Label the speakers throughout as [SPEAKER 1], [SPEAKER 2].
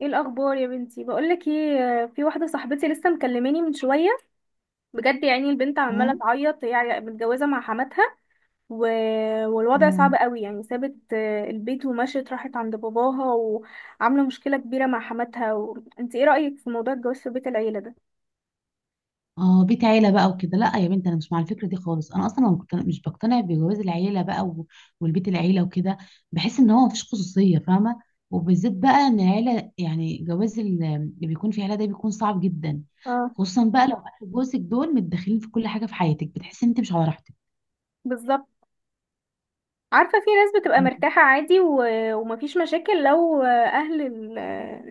[SPEAKER 1] ايه الاخبار يا بنتي؟ بقولك ايه، في واحده صاحبتي لسه مكلماني من شويه. بجد يعني، البنت عماله
[SPEAKER 2] مم.
[SPEAKER 1] تعيط، هي متجوزه مع حماتها. و... والوضع صعب
[SPEAKER 2] مم.
[SPEAKER 1] قوي، يعني سابت البيت ومشيت، راحت عند باباها وعامله مشكله كبيره مع حماتها انت ايه رايك في موضوع الجواز في بيت العيله ده؟
[SPEAKER 2] اه، بيت عيله بقى وكده، لا يا بنت، انا مش مع الفكره دي خالص. انا اصلا ما مقتن- مش بقتنع بجواز العيله بقى والبيت العيله وكده. بحس ان هو مفيش خصوصيه، فاهمه. وبالذات بقى ان العيله، يعني جواز اللي بيكون في عيله ده بيكون صعب جدا.
[SPEAKER 1] اه،
[SPEAKER 2] خصوصا بقى لو اهل جوزك دول متدخلين في كل حاجه في حياتك، بتحس ان انت مش على راحتك.
[SPEAKER 1] بالظبط. عارفة، في ناس بتبقى
[SPEAKER 2] مم.
[SPEAKER 1] مرتاحة عادي ومفيش مشاكل لو أهل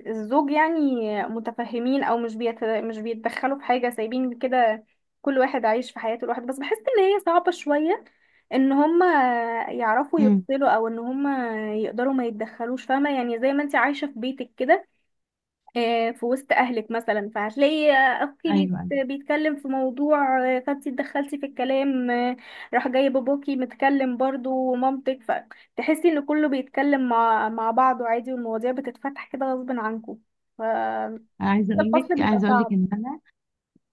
[SPEAKER 1] الزوج يعني متفهمين، أو مش بيتدخلوا في حاجة، سايبين كده، كل واحد عايش في حياته لوحده. بس بحس إن هي صعبة شوية، إن هما يعرفوا
[SPEAKER 2] مم.
[SPEAKER 1] يفصلوا، أو إن هما يقدروا ما يتدخلوش. فاهمة يعني؟ زي ما انت عايشة في بيتك كده، في وسط اهلك مثلا، فهتلاقي اخوكي
[SPEAKER 2] ايوه، ايوه.
[SPEAKER 1] بيتكلم في موضوع، فانت اتدخلتي في الكلام، راح جاي باباكي متكلم برضو ومامتك، فتحسي ان كله بيتكلم مع بعضه عادي، والمواضيع بتتفتح كده غصب عنكم،
[SPEAKER 2] انا
[SPEAKER 1] فالفصل بيبقى صعب.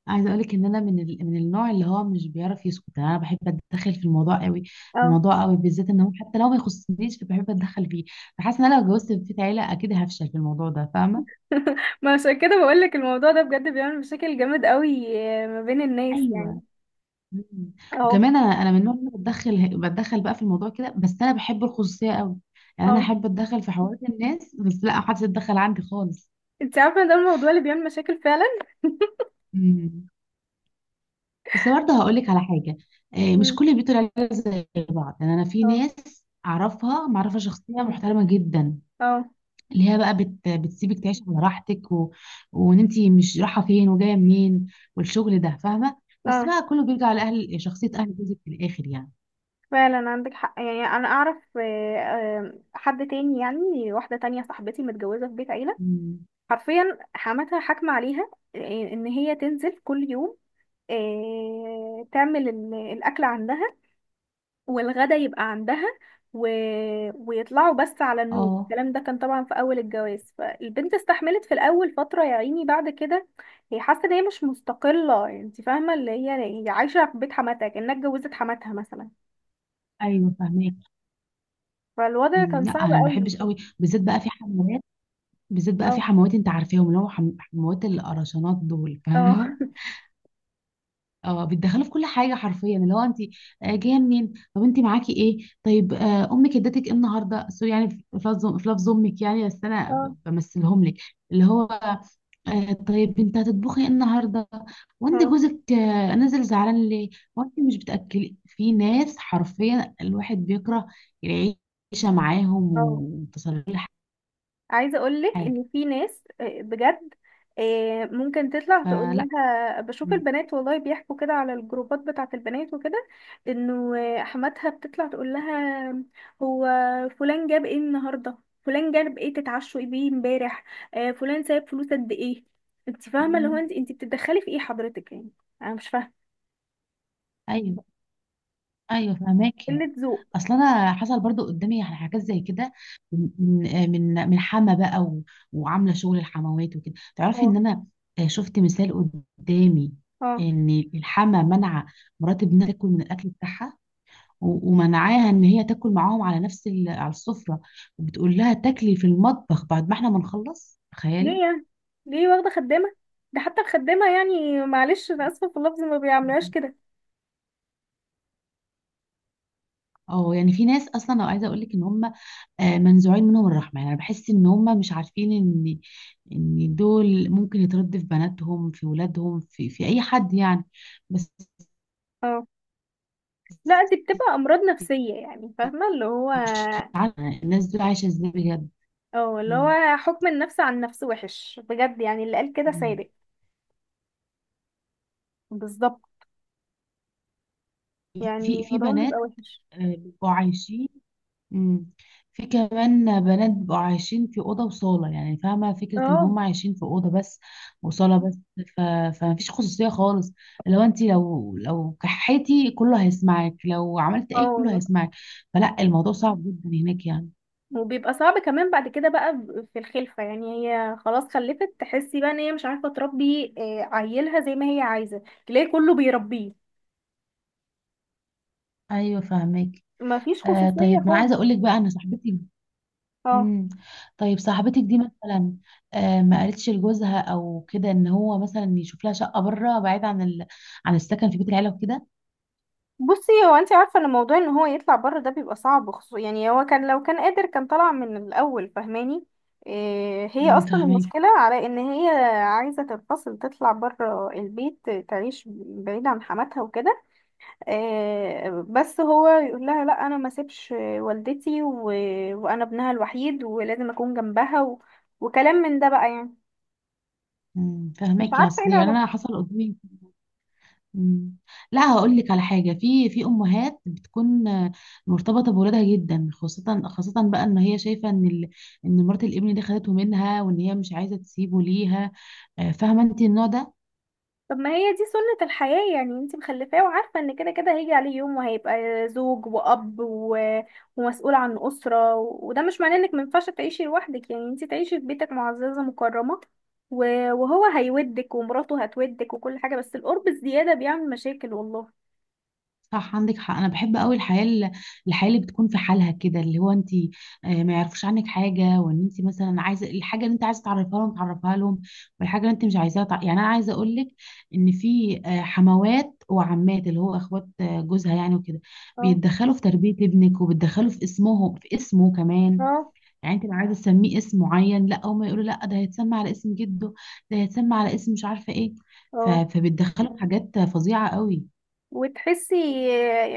[SPEAKER 2] عايزه اقولك ان انا من النوع اللي هو مش بيعرف يسكت، انا بحب اتدخل في الموضوع قوي.
[SPEAKER 1] اه.
[SPEAKER 2] بالذات ان هو حتى لو ما يخصنيش بحب اتدخل فيه. فحاسه ان انا لو اتجوزت في بيت عيله اكيد هفشل في الموضوع ده، فاهمه.
[SPEAKER 1] ما عشان كده بقولك الموضوع ده بجد بيعمل مشاكل جامد قوي، ما بين الناس يعني.
[SPEAKER 2] ايوه. مم.
[SPEAKER 1] اه.
[SPEAKER 2] وكمان انا من النوع اللي بتدخل بتدخل بقى في الموضوع كده، بس انا بحب الخصوصيه قوي. يعني انا
[SPEAKER 1] اه.
[SPEAKER 2] احب اتدخل في حوارات الناس، بس لا، محدش يتدخل عندي خالص.
[SPEAKER 1] انت عارفه إن ده الموضوع اللي بيعمل مشاكل فعلا.
[SPEAKER 2] مم. بس برضه هقول لك على حاجه، مش
[SPEAKER 1] مم.
[SPEAKER 2] كل بيوت العيله زي بعض، يعني انا في
[SPEAKER 1] اه.
[SPEAKER 2] ناس اعرفها معرفه شخصيه محترمه جدا،
[SPEAKER 1] اه.
[SPEAKER 2] اللي هي بقى بتسيبك تعيش على راحتك وان انت مش رايحه فين وجايه منين والشغل ده، فاهمه. بس
[SPEAKER 1] اه.
[SPEAKER 2] بقى كله بيرجع لاهل، شخصيه اهل جوزك في الاخر يعني.
[SPEAKER 1] فعلا عندك حق، يعني انا اعرف، حد تاني، يعني واحده تانية صاحبتي متجوزه في بيت عيله،
[SPEAKER 2] مم.
[SPEAKER 1] حرفيا حماتها حاكمه عليها، ان هي تنزل كل يوم، تعمل الاكل عندها، والغدا يبقى عندها، و... ويطلعوا بس على النوم.
[SPEAKER 2] اه.
[SPEAKER 1] الكلام ده كان طبعا في اول الجواز، فالبنت استحملت في الاول فتره، يا عيني بعد كده هي حاسه ان هي مش مستقله. انت فاهمه؟ اللي هي هي عايشه في بيت حماتها كانها اتجوزت حماتها مثلا.
[SPEAKER 2] ايوه فاهمك.
[SPEAKER 1] فالوضع
[SPEAKER 2] مم،
[SPEAKER 1] كان
[SPEAKER 2] لا
[SPEAKER 1] صعب
[SPEAKER 2] انا ما
[SPEAKER 1] قوي.
[SPEAKER 2] بحبش قوي بالذات بقى في حموات، بالذات بقى في
[SPEAKER 1] اه.
[SPEAKER 2] حموات انت عارفاهم، اللي هو حموات القرشانات دول،
[SPEAKER 1] اه.
[SPEAKER 2] فاهمهم. اه، بيتدخلوا في كل حاجه حرفيا، اللي هو انت جايه منين؟ طب انت معاكي ايه؟ طيب امك ادتك ايه النهارده؟ سوري يعني في لفظ، في لفظ امك يعني، بس انا
[SPEAKER 1] اه.
[SPEAKER 2] بمثلهم لك. اللي هو طيب انت هتطبخي ايه النهارده؟ وانت
[SPEAKER 1] اه.
[SPEAKER 2] جوزك نازل زعلان ليه؟ وانت مش بتاكلي؟ في ناس حرفيا الواحد بيكره العيشه معاهم،
[SPEAKER 1] اه.
[SPEAKER 2] وتصل كل
[SPEAKER 1] عايزه اقول لك
[SPEAKER 2] حاجه.
[SPEAKER 1] ان في ناس، بجد، ممكن تطلع تقول
[SPEAKER 2] فلا.
[SPEAKER 1] لها بشوف
[SPEAKER 2] م-
[SPEAKER 1] البنات، والله بيحكوا كده على الجروبات بتاعه البنات وكده، انه حماتها بتطلع تقول لها: هو فلان جاب ايه النهارده؟ فلان جاب ايه؟ تتعشوا ايه بيه امبارح؟ فلان سايب فلوس قد ايه؟ انت فاهمه؟ اللي هو
[SPEAKER 2] م-
[SPEAKER 1] انت بتتدخلي في ايه حضرتك يعني؟ انا مش فاهمه.
[SPEAKER 2] ايوه، ايوه فهماكي.
[SPEAKER 1] قله ذوق.
[SPEAKER 2] اصل انا حصل برضو قدامي يعني حاجات زي كده، من من حما بقى وعامله شغل الحموات وكده. تعرفي ان
[SPEAKER 1] اه.
[SPEAKER 2] انا شفت مثال قدامي،
[SPEAKER 1] اه.
[SPEAKER 2] ان الحما منع مرات ابنها تاكل من الاكل بتاعها، ومنعاها ان هي تاكل معاهم على نفس على السفره. وبتقول لها تاكلي في المطبخ بعد ما احنا ما نخلص،
[SPEAKER 1] ليه
[SPEAKER 2] تخيلي.
[SPEAKER 1] يعني؟ ليه، واخدة خدامة؟ ده حتى الخدامة يعني، معلش أنا آسفة في اللفظ، ما بيعملوهاش
[SPEAKER 2] مهم.
[SPEAKER 1] كده.
[SPEAKER 2] اه، يعني في ناس اصلا، لو عايزه اقول لك ان هم منزوعين منهم الرحمه، يعني انا بحس ان هم مش عارفين ان ان دول ممكن يتردوا في بناتهم، في ولادهم، في اي حد يعني، بس.
[SPEAKER 1] اه. لا، دي بتبقى أمراض نفسية، يعني فاهمة اللي هو.
[SPEAKER 2] مش عارفه الناس دول عايشه ازاي بجد.
[SPEAKER 1] اه، اللي
[SPEAKER 2] مم.
[SPEAKER 1] هو حكم النفس عن النفس وحش بجد، يعني اللي قال كده
[SPEAKER 2] مم.
[SPEAKER 1] صادق. بالظبط. يعني
[SPEAKER 2] في
[SPEAKER 1] الموضوع بيبقى
[SPEAKER 2] بنات
[SPEAKER 1] وحش.
[SPEAKER 2] بيبقوا عايشين. مم. في كمان بنات بيبقوا عايشين في اوضه وصاله، يعني فاهمه فكره ان
[SPEAKER 1] اه.
[SPEAKER 2] هم عايشين في اوضه بس وصاله بس. ف... فما فيش خصوصيه خالص. لو انت، لو كحيتي كله هيسمعك، لو عملت
[SPEAKER 1] اه
[SPEAKER 2] ايه كله
[SPEAKER 1] والله.
[SPEAKER 2] هيسمعك. فلا، الموضوع صعب جدا هناك يعني.
[SPEAKER 1] وبيبقى صعب كمان بعد كده بقى، في الخلفة، يعني هي خلاص خلفت، تحسي بقى ان هي مش عارفة تربي، عيلها زي ما هي عايزة، تلاقي كله بيربيه.
[SPEAKER 2] ايوه فاهمك.
[SPEAKER 1] مفيش خصوصية
[SPEAKER 2] طيب ما انا
[SPEAKER 1] خالص.
[SPEAKER 2] عايزه اقول لك بقى ان صاحبتي.
[SPEAKER 1] اه.
[SPEAKER 2] مم. طيب صاحبتك دي مثلا ما قالتش لجوزها او كده ان هو مثلا يشوف لها شقه بره، بعيد عن عن السكن في بيت العيله وكده؟
[SPEAKER 1] بصي، هو انت عارفه ان موضوع ان هو يطلع بره ده بيبقى صعب خصوصا، يعني هو كان لو كان قادر كان طلع من الاول، فاهماني؟ إيه هي
[SPEAKER 2] مم،
[SPEAKER 1] اصلا
[SPEAKER 2] فاهمك.
[SPEAKER 1] المشكله، على ان هي عايزه تنفصل، تطلع بره البيت، تعيش بعيد عن حماتها وكده. إيه بس هو يقول لها: لا، انا ما سيبش والدتي، وانا ابنها الوحيد، ولازم اكون جنبها، وكلام من ده بقى يعني.
[SPEAKER 2] مم،
[SPEAKER 1] مش
[SPEAKER 2] فهمك. يا
[SPEAKER 1] عارفه ايه
[SPEAKER 2] اصل يعني
[SPEAKER 1] العلاقه.
[SPEAKER 2] انا حصل قدامي. مم. لا هقول لك على حاجه، في امهات بتكون مرتبطه بولادها جدا، خاصه بقى ان هي شايفه ان ان مرات الابن دي خدته منها، وان هي مش عايزه تسيبه ليها، فاهمه انت النوع ده.
[SPEAKER 1] طب ما هي دي سنة الحياة، يعني انت مخلفاه، وعارفة ان كده كده هيجي عليه يوم وهيبقى زوج وأب، ومسؤول عن أسرة. وده مش معناه انك مينفعش تعيشي لوحدك، يعني انت تعيشي في بيتك معززة مكرمة و... وهو هيودك، ومراته هتودك، وكل حاجة. بس القرب الزيادة بيعمل مشاكل، والله.
[SPEAKER 2] صح، عندك حق. انا بحب قوي الحياه الحياه اللي بتكون في حالها كده، اللي هو انت ما يعرفوش عنك حاجه، وان انت مثلا عايزه الحاجه اللي انت عايزه تعرفها لهم تعرفها لهم، والحاجه اللي انت مش عايزاها يعني انا عايزه اقول لك ان في حموات وعمات اللي هو اخوات جوزها يعني وكده
[SPEAKER 1] اه.
[SPEAKER 2] بيتدخلوا في تربيه ابنك، وبيتدخلوا في اسمه، في اسمه كمان.
[SPEAKER 1] اه.
[SPEAKER 2] يعني انت لو عايزه تسميه اسم معين، لا، هم يقولوا لا، ده هيتسمى على اسم جده، ده هيتسمى على اسم مش عارفه ايه.
[SPEAKER 1] اه.
[SPEAKER 2] فبيتدخلوا في حاجات فظيعه قوي.
[SPEAKER 1] وتحسي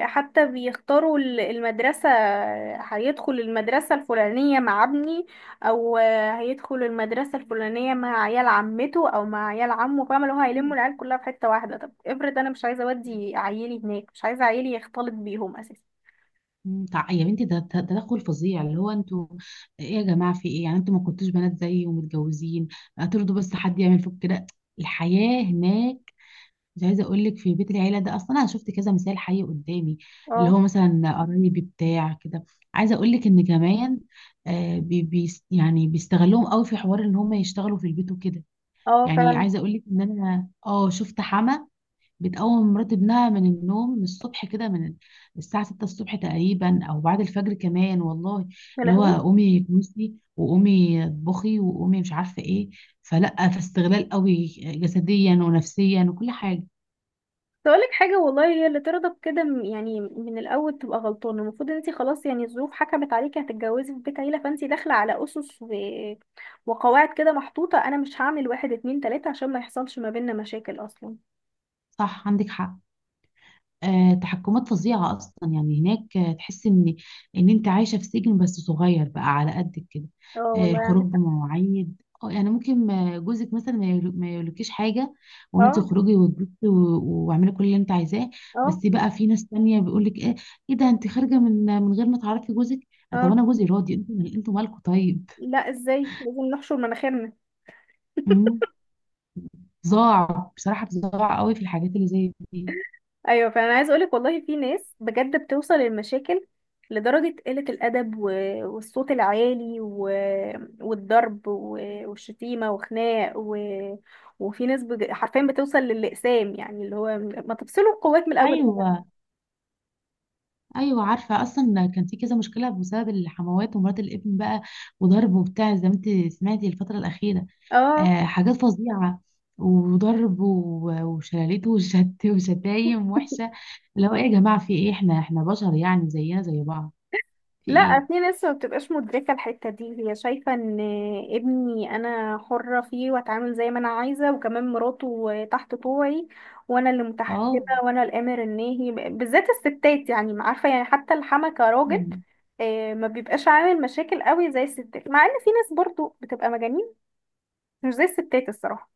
[SPEAKER 1] حتى بيختاروا المدرسة، هيدخل المدرسة الفلانية مع ابني، أو هيدخل المدرسة الفلانية مع عيال عمته، أو مع عيال عمه. فاهمة اللي هو هيلموا العيال كلها في حتة واحدة؟ طب افرض أنا مش عايزة أودي عيالي هناك، مش عايزة عيالي يختلط بيهم أساسا.
[SPEAKER 2] مم، يا بنتي ده تدخل فظيع، اللي هو انتوا ايه يا جماعه؟ في ايه يعني؟ انتوا ما كنتوش بنات زيي ومتجوزين؟ هترضوا بس حد يعمل فيكم كده؟ الحياه هناك، مش عايزه اقول لك، في بيت العيله ده اصلا، انا شفت كذا مثال حي قدامي، اللي
[SPEAKER 1] اه.
[SPEAKER 2] هو مثلا قرايبي بتاع كده. عايزه اقول لك ان كمان بي بي يعني بيستغلوهم قوي في حوار ان هم يشتغلوا في البيت وكده.
[SPEAKER 1] اه
[SPEAKER 2] يعني
[SPEAKER 1] فعلا.
[SPEAKER 2] عايزه اقول لك ان انا اه شفت حما بتقوم مرات ابنها من النوم من الصبح كده، من الساعة 6 الصبح تقريبا، أو بعد الفجر كمان، والله.
[SPEAKER 1] يا
[SPEAKER 2] اللي هو
[SPEAKER 1] لهوي.
[SPEAKER 2] قومي كنسي، وقومي اطبخي، وقومي مش عارفة ايه. فلا، فاستغلال قوي جسديا ونفسيا وكل حاجة.
[SPEAKER 1] تقولك حاجة والله، هي اللي ترضى بكده، يعني من الأول تبقى غلطانة. المفروض ان انتي خلاص يعني، الظروف حكمت عليكي هتتجوزي في بيت عيلة، فانتي داخلة على أسس، وقواعد كده محطوطة، أنا مش هعمل واحد اتنين تلاتة، عشان ما يحصلش ما بيننا مشاكل أصلا.
[SPEAKER 2] صح، عندك حق. تحكمات فظيعة أصلا يعني هناك، تحس إن أنت عايشة في سجن، بس صغير بقى على قدك كده.
[SPEAKER 1] اه والله
[SPEAKER 2] الخروج
[SPEAKER 1] عندك حق.
[SPEAKER 2] بمواعيد، اه يعني ممكن جوزك مثلا ما يقولكيش حاجة، وأنت
[SPEAKER 1] اه.
[SPEAKER 2] تخرجي وتبصي واعملي كل اللي أنت عايزاه.
[SPEAKER 1] اه.
[SPEAKER 2] بس بقى في ناس تانية بيقولك إيه، إيه ده؟ أنت خارجة من غير ما تعرفي جوزك؟ طب
[SPEAKER 1] اه.
[SPEAKER 2] أنا جوزي راضي، أنتوا مالكوا طيب؟
[SPEAKER 1] لا، ازاي؟ لازم نحشر مناخيرنا.
[SPEAKER 2] مم. ضاع بصراحة، بضاع قوي في الحاجات اللي زي دي.
[SPEAKER 1] ايوه، فانا عايز اقولك والله في ناس بجد بتوصل للمشاكل، لدرجة قلة الأدب، والصوت العالي، والضرب، والشتيمة، وخناق، وفي ناس حرفيا بتوصل للإقسام، يعني اللي هو ما تفصلوا القوات من الأول.
[SPEAKER 2] أيوه. ايوه عارفه، اصلا كان في كذا مشكله بسبب الحموات ومرات الابن بقى، وضرب وبتاع، زي ما انت سمعتي الفتره الاخيره.
[SPEAKER 1] اه.
[SPEAKER 2] آه، حاجات فظيعه. وضرب وشلاليت وشت وشتايم وحشه. اللي هو ايه يا جماعه؟ في ايه؟ احنا بشر يعني، زينا زي بعض. في ايه؟
[SPEAKER 1] لا، في ناس ما بتبقاش مدركة الحتة دي. هي شايفة ان ابني انا حرة فيه، واتعامل زي ما انا عايزة، وكمان مراته تحت طوعي، وانا اللي متحكمة،
[SPEAKER 2] اه.
[SPEAKER 1] وانا الامر الناهي. بالذات الستات، يعني ما عارفة، يعني حتى الحما كراجل
[SPEAKER 2] مم.
[SPEAKER 1] ما بيبقاش عامل مشاكل قوي زي الستات، مع ان في ناس برضو بتبقى مجانين، مش زي الستات الصراحة.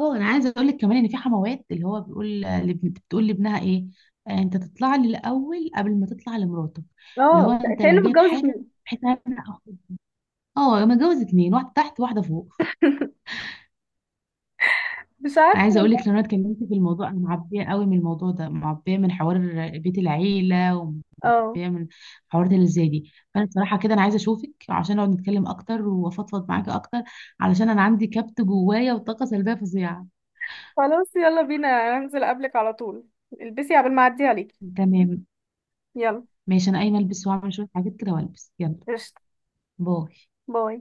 [SPEAKER 2] اه، انا عايزه اقول لك كمان ان في حموات اللي هو بتقول لابنها ايه، انت تطلع لي الاول قبل ما تطلع لمراتك. اللي هو
[SPEAKER 1] اه،
[SPEAKER 2] انت
[SPEAKER 1] كأنه
[SPEAKER 2] لو جايب
[SPEAKER 1] متجوز
[SPEAKER 2] حاجه
[SPEAKER 1] اتنين.
[SPEAKER 2] بحيث، انا اه متجوز اتنين، واحده تحت واحده فوق.
[SPEAKER 1] مش
[SPEAKER 2] انا
[SPEAKER 1] عارفة
[SPEAKER 2] عايزه اقول
[SPEAKER 1] والله.
[SPEAKER 2] لك، لو انا اتكلمت في الموضوع، انا معبيه قوي من الموضوع ده، معبيه من حوار بيت العيله،
[SPEAKER 1] اه.
[SPEAKER 2] ومعبيه من حوارات اللي زي دي. فانا بصراحه كده انا عايزه اشوفك عشان نقعد نتكلم اكتر، وافضفض معاكي اكتر، علشان انا عندي كبت جوايا وطاقه سلبيه فظيعه.
[SPEAKER 1] خلاص، يلا بينا، هنزل قبلك على طول، البسي قبل ما اعدي عليكي.
[SPEAKER 2] تمام.
[SPEAKER 1] يلا.
[SPEAKER 2] ماشي، انا قايمه البس واعمل شويه حاجات كده والبس. يلا.
[SPEAKER 1] قشطة.
[SPEAKER 2] باي.
[SPEAKER 1] باي.